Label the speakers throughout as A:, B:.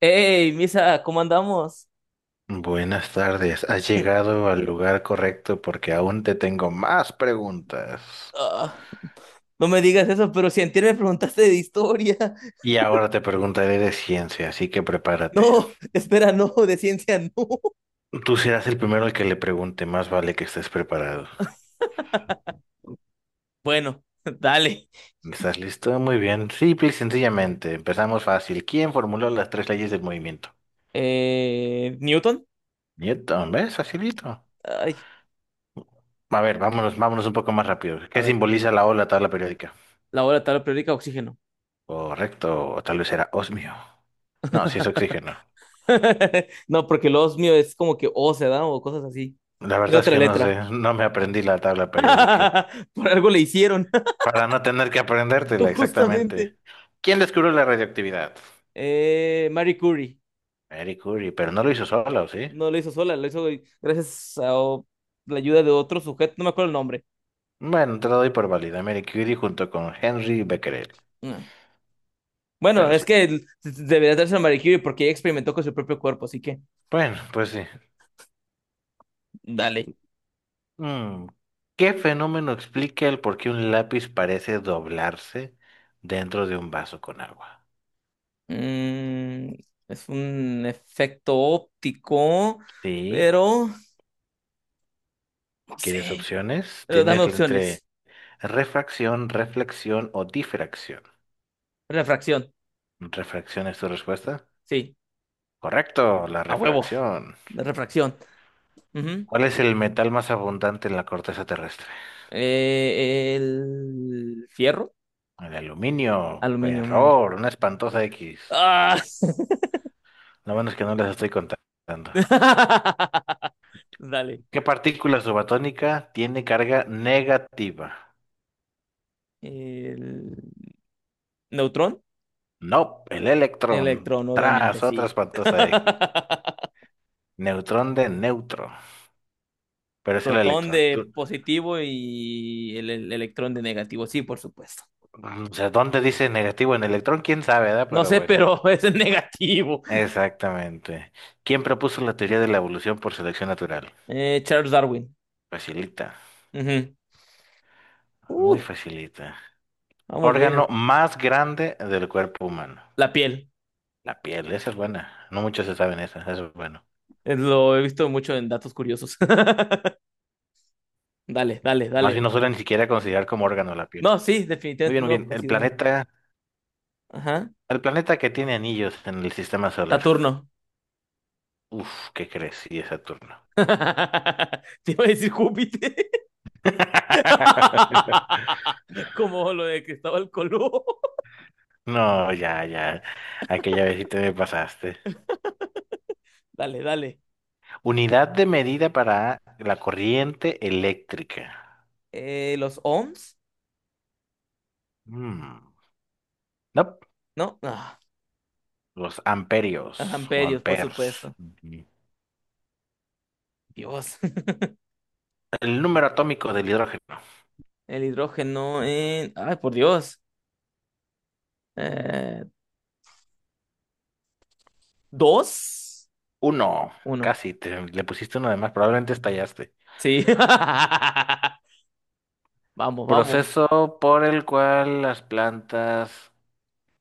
A: Hey, Misa, ¿cómo andamos?
B: Buenas tardes, has llegado al lugar correcto porque aún te tengo más preguntas.
A: Ah, no me digas eso, pero si antier me preguntaste de historia.
B: Y ahora te preguntaré de ciencia, así que prepárate.
A: No, espera, no, de ciencia no.
B: Tú serás el primero al que le pregunte, más vale que estés preparado.
A: Bueno, dale.
B: ¿Estás listo? Muy bien. Simple y sencillamente, empezamos fácil. ¿Quién formuló las tres leyes del movimiento?
A: ¿Newton?
B: Newton, ¿ves? Facilito.
A: Ay,
B: A ver, vámonos, vámonos un poco más rápido.
A: a
B: ¿Qué
A: ver,
B: simboliza la O en la tabla periódica?
A: la hora de tabla periódica, oxígeno.
B: Correcto, o tal vez era osmio. No, si es oxígeno.
A: No, porque los mío es como que O se da o cosas así.
B: La
A: Tiene
B: verdad es
A: otra
B: que no
A: letra.
B: sé, no me aprendí la tabla periódica.
A: Por algo le hicieron,
B: Para no tener que aprendértela
A: justamente.
B: exactamente. ¿Quién descubrió la radioactividad?
A: Marie Curie.
B: Marie Curie, pero no lo hizo solo, ¿sí?
A: No lo hizo sola, lo hizo gracias a la ayuda de otro sujeto, no me acuerdo el nombre.
B: Bueno, te lo doy por válida. Marie Curie junto con Henry Becquerel,
A: Mm. Bueno,
B: pero
A: es
B: sí.
A: que debería darse a Marie Curie porque ella experimentó con su propio cuerpo, así que
B: Bueno, pues sí.
A: dale.
B: Mm, ¿Qué fenómeno explica el por qué un lápiz parece doblarse dentro de un vaso con agua?
A: Mm, es un efecto óptico,
B: Sí,
A: pero no
B: ¿quieres
A: sé.
B: opciones?
A: Pero dame
B: Tienes entre
A: opciones.
B: refracción, reflexión o difracción.
A: Refracción,
B: ¿Refracción es tu respuesta?
A: sí,
B: Correcto, la
A: a huevo,
B: refracción.
A: refracción. Ujú.
B: ¿Cuál es el metal más abundante en la corteza terrestre?
A: El fierro,
B: El aluminio.
A: aluminio. Mm.
B: Error, una espantosa X.
A: Ah.
B: Lo bueno es que no les estoy contando.
A: Dale.
B: ¿Qué partícula subatónica tiene carga negativa?
A: El neutrón,
B: No, el electrón.
A: electrón, obviamente,
B: Tras, otra
A: sí.
B: espantosa X. Neutrón de neutro. Pero es el
A: Protón
B: electrón.
A: de positivo y el electrón de negativo. Sí, por supuesto.
B: O sea, ¿dónde dice negativo en electrón? ¿Quién sabe, verdad?
A: No
B: Pero
A: sé,
B: bueno.
A: pero es el negativo.
B: Exactamente. ¿Quién propuso la teoría de la evolución por selección natural?
A: Charles Darwin.
B: Facilita.
A: Ujú.
B: Muy
A: Uy,
B: facilita.
A: vamos
B: Órgano
A: bien.
B: más grande del cuerpo humano.
A: La piel.
B: La piel, esa es buena. No muchos se saben esa, eso es bueno.
A: Lo he visto mucho en datos curiosos. Dale, dale,
B: Más
A: dale.
B: bien no suelen ni siquiera considerar como órgano la piel.
A: No, sí,
B: Muy
A: definitivamente
B: bien, muy
A: no lo
B: bien.
A: consideran. Ajá.
B: El planeta que tiene anillos en el sistema solar.
A: Saturno.
B: Uf, ¿qué crees? Sí, es Saturno.
A: Te iba a decir Júpiter. Como lo de Cristóbal Colón.
B: No, ya, ya. Aquella vez sí te me pasaste.
A: Dale, dale.
B: Unidad de medida para la corriente eléctrica.
A: Los ohms,
B: Mm. No,
A: ¿no? Ah.
B: los
A: Ajá,
B: amperios o
A: amperios, por
B: amperes.
A: supuesto.
B: Ujú.
A: Dios,
B: El número atómico del hidrógeno.
A: el hidrógeno en... Ay, por Dios. Eh, ¿Dos?
B: Uno.
A: Uno.
B: Casi, le pusiste uno de más, probablemente estallaste.
A: Sí. Vamos, vamos.
B: Proceso por el cual las plantas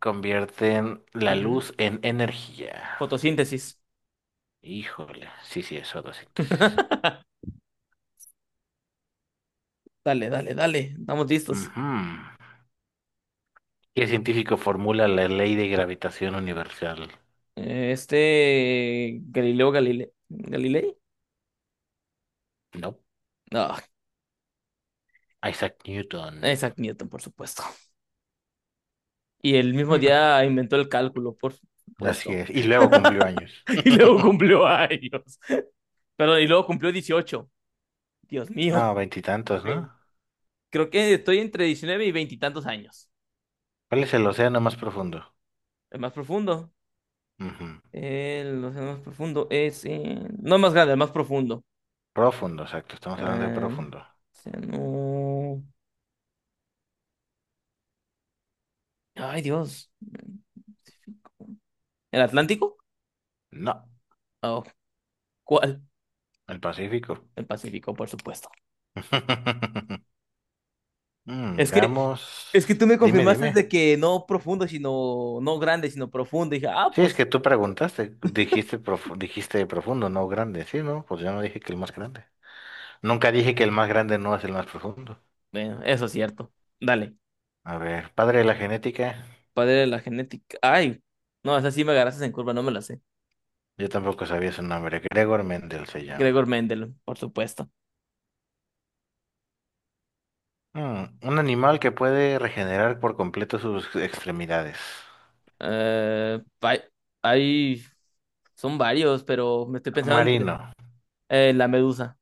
B: convierten la
A: Ujú.
B: luz en energía.
A: Fotosíntesis.
B: Híjole, sí, sí, es fotosíntesis.
A: Dale, dale, dale. Estamos listos.
B: Ujú. ¿Qué científico formula la ley de gravitación universal?
A: Galileo Galilei. Galilei.
B: No,
A: No,
B: Isaac Newton.
A: Isaac Newton, por supuesto. Y el mismo
B: Mm,
A: día inventó el cálculo, por
B: así
A: supuesto.
B: es, y luego cumplió años.
A: Y luego cumplió años. Perdón, y luego cumplió 18. Dios mío.
B: No, veintitantos, ¿no?
A: Sí. Creo que estoy entre 19 y veinte y tantos años.
B: ¿Cuál es el océano más profundo?
A: El más profundo.
B: Ujú.
A: El océano más profundo es. No el más grande, el más profundo.
B: Profundo, exacto. Estamos hablando de
A: El
B: profundo.
A: océano- Ay, Dios. ¿El Atlántico?
B: No,
A: Oh, ¿cuál?
B: el Pacífico.
A: El Pacífico, por supuesto. Es que, es que
B: Veamos.
A: tú me
B: Dime,
A: confirmaste
B: dime.
A: de que no profundo, sino. No grande, sino profundo. Y dije, ah,
B: Sí, es que
A: pues.
B: tú preguntaste, dijiste, dijiste profundo, no grande. Sí, no, pues yo no dije que el más grande. Nunca dije que el más grande no es el más profundo.
A: Bueno, eso es cierto. Dale.
B: A ver, padre de la genética.
A: Padre de la genética. Ay. No, esa sí me agarraste en curva, no me la sé.
B: Yo tampoco sabía su nombre. Gregor Mendel se
A: Gregor
B: llama.
A: Mendel, por supuesto.
B: Un animal que puede regenerar por completo sus extremidades.
A: Eh, hay, hay- Son varios, pero me estoy pensando entre
B: Marino.
A: la medusa.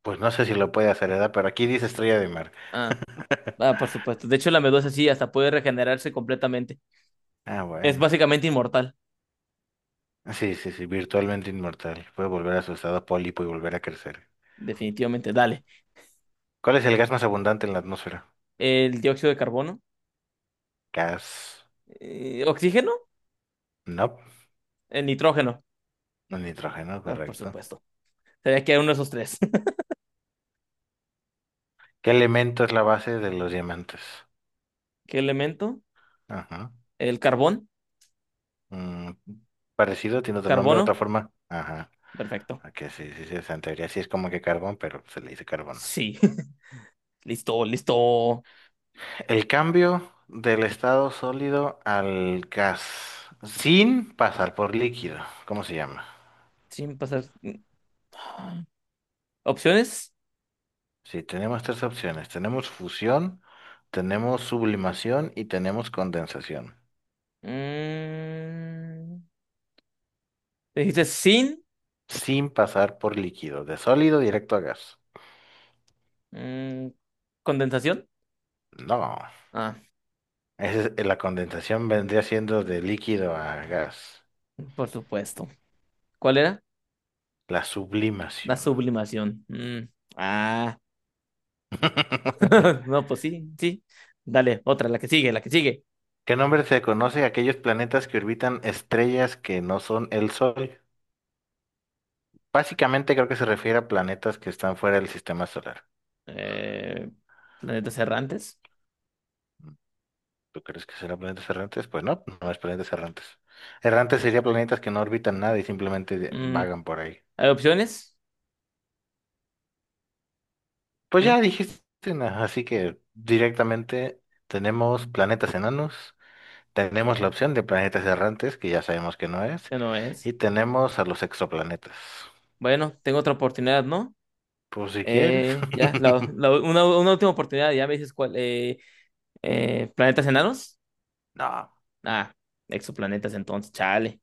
B: Pues no sé si lo puede hacer, ¿verdad? Pero aquí dice estrella de mar.
A: Ah, ah, por supuesto. De hecho, la medusa sí, hasta puede regenerarse completamente.
B: Ah,
A: Es
B: bueno.
A: básicamente inmortal,
B: Sí, sí, sí, virtualmente inmortal. Puede volver a su estado pólipo y volver a crecer.
A: definitivamente. Dale.
B: ¿Cuál es el gas más abundante en la atmósfera?
A: El dióxido de carbono,
B: Gas.
A: oxígeno,
B: No.
A: el nitrógeno,
B: El nitrógeno,
A: ah, por
B: correcto.
A: supuesto. Sería que hay uno de esos tres.
B: ¿Qué elemento es la base de los diamantes?
A: ¿Qué elemento?
B: Ajá.
A: El carbón,
B: Mm, parecido, tiene otro nombre, otra
A: carbono,
B: forma. Ajá.
A: perfecto.
B: Ok, sí, sí, sí, o sea, en teoría sí es como que carbón, pero se le dice carbono.
A: Sí, listo, listo.
B: El cambio del estado sólido al gas sin pasar por líquido. ¿Cómo se llama?
A: Sin pasar. Ah. Opciones.
B: Sí, tenemos tres opciones. Tenemos fusión, tenemos sublimación y tenemos condensación.
A: Mm. Dijiste sin
B: Sin pasar por líquido, de sólido directo a gas.
A: mm, Condensación.
B: No.
A: Ah,
B: Ese es- la condensación vendría siendo de líquido a gas.
A: por supuesto. ¿Cuál era?
B: La
A: La
B: sublimación.
A: sublimación. Mm, ah, no, pues sí, sí. Dale, otra, la que sigue, la que sigue.
B: ¿Qué nombre se conoce a aquellos planetas que orbitan estrellas que no son el Sol? Básicamente creo que se refiere a planetas que están fuera del sistema solar.
A: Eh, Planetas errantes.
B: ¿Tú crees que serán planetas errantes? Pues no, no es planetas errantes. Errantes serían planetas que no orbitan nada y simplemente
A: Mm,
B: vagan por ahí.
A: ¿Hay opciones?
B: Pues
A: Mm,
B: ya dijiste, así que directamente tenemos planetas enanos, tenemos la opción de planetas errantes, que ya sabemos que no es,
A: ya no es.
B: y tenemos a los exoplanetas.
A: Bueno, tengo otra oportunidad, ¿no?
B: Pues si quieres.
A: Eh, ya, la, la- una, una última oportunidad, ya me dices cuál. ¿Planetas enanos?
B: No.
A: Ah, exoplanetas entonces, chale.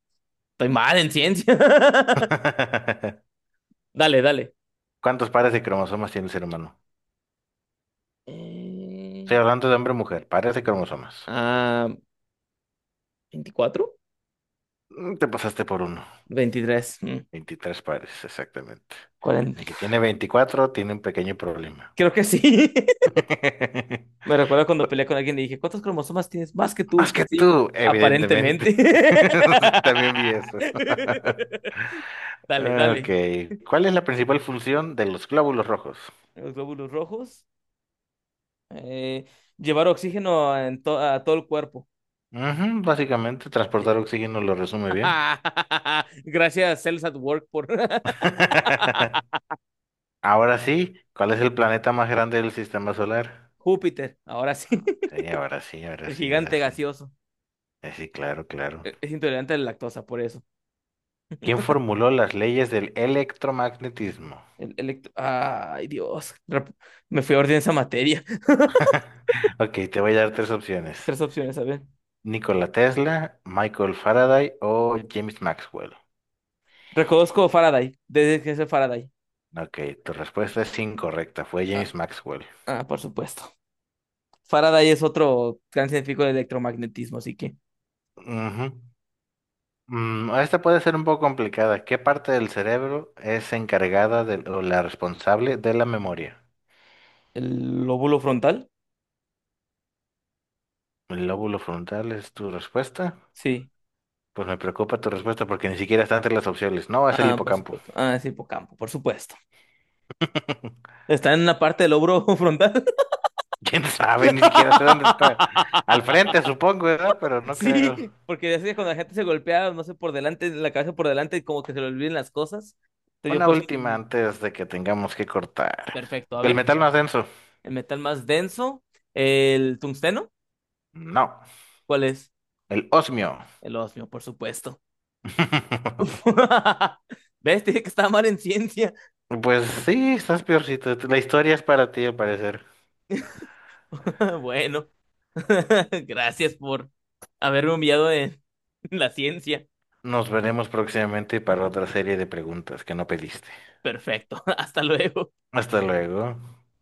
A: Estoy mal en ciencia. Dale, dale.
B: ¿Cuántos pares de cromosomas tiene el ser humano?
A: Eh,
B: Estoy hablando de hombre o mujer, pares de cromosomas.
A: ah, ¿24?
B: Te pasaste por uno.
A: 23. Mm,
B: 23 pares, exactamente. El
A: 40.
B: que tiene 24 tiene un pequeño problema.
A: Creo que sí. Me recuerdo cuando peleé con alguien y dije, ¿cuántos cromosomas tienes más que tú?
B: Más que
A: Pues sí,
B: tú, evidentemente.
A: aparentemente.
B: También vi eso.
A: Dale,
B: Ok.
A: dale.
B: ¿Cuál es la principal función de los glóbulos rojos?
A: Los glóbulos rojos. Eh, Llevar oxígeno a todo el cuerpo.
B: Ujú, básicamente,
A: Sí.
B: transportar oxígeno lo resume bien.
A: Gracias, Cells at Work, por
B: Ahora sí, ¿cuál es el planeta más grande del sistema solar?
A: Júpiter. Ahora sí.
B: Sí, ahora sí, ahora
A: El
B: sí, ahora
A: gigante
B: sí.
A: gaseoso.
B: Sí, claro, claro.
A: Es intolerante a la lactosa, por eso.
B: ¿Quién formuló las leyes del electromagnetismo?
A: Ay, Dios. Me fui a orden esa materia.
B: Ok, te voy a dar tres opciones.
A: Tres opciones, a ver.
B: Nikola Tesla, Michael Faraday o James Maxwell.
A: Reconozco Faraday. Desde que es el Faraday.
B: Ok, tu respuesta es incorrecta, fue
A: Ah,
B: James Maxwell.
A: ah, por supuesto. Faraday es otro gran científico de electromagnetismo, así que.
B: Ujú. Esta puede ser un poco complicada. ¿Qué parte del cerebro es encargada de, o la responsable de la memoria?
A: ¿El lóbulo frontal?
B: ¿El lóbulo frontal es tu respuesta?
A: Sí.
B: Pues me preocupa tu respuesta porque ni siquiera están entre las opciones. No, es el
A: Ah, por
B: hipocampo.
A: supuesto. Ah, es hipocampo, por supuesto. ¿Está en una parte del lóbulo frontal?
B: Quién sabe, ni siquiera sé dónde está. Al frente, supongo, ¿verdad? Pero no creo.
A: Sí, porque ya sé que cuando la gente se golpea, no sé, por delante, la cabeza por delante, como que se le olviden las cosas. Entonces yo
B: Una
A: pues...
B: última antes de que tengamos que cortar.
A: Perfecto, a
B: ¿El
A: ver.
B: metal más denso?
A: El metal más denso. El tungsteno.
B: No.
A: ¿Cuál es?
B: El osmio.
A: El osmio, por supuesto. ¿Ves? Te dije que estaba mal en ciencia.
B: Pues sí, estás peorcito. La historia es para ti, al parecer.
A: Bueno. Gracias por haberme humillado en la ciencia.
B: Nos veremos próximamente para otra serie de preguntas que no pediste.
A: Perfecto. Hasta luego.
B: Hasta luego.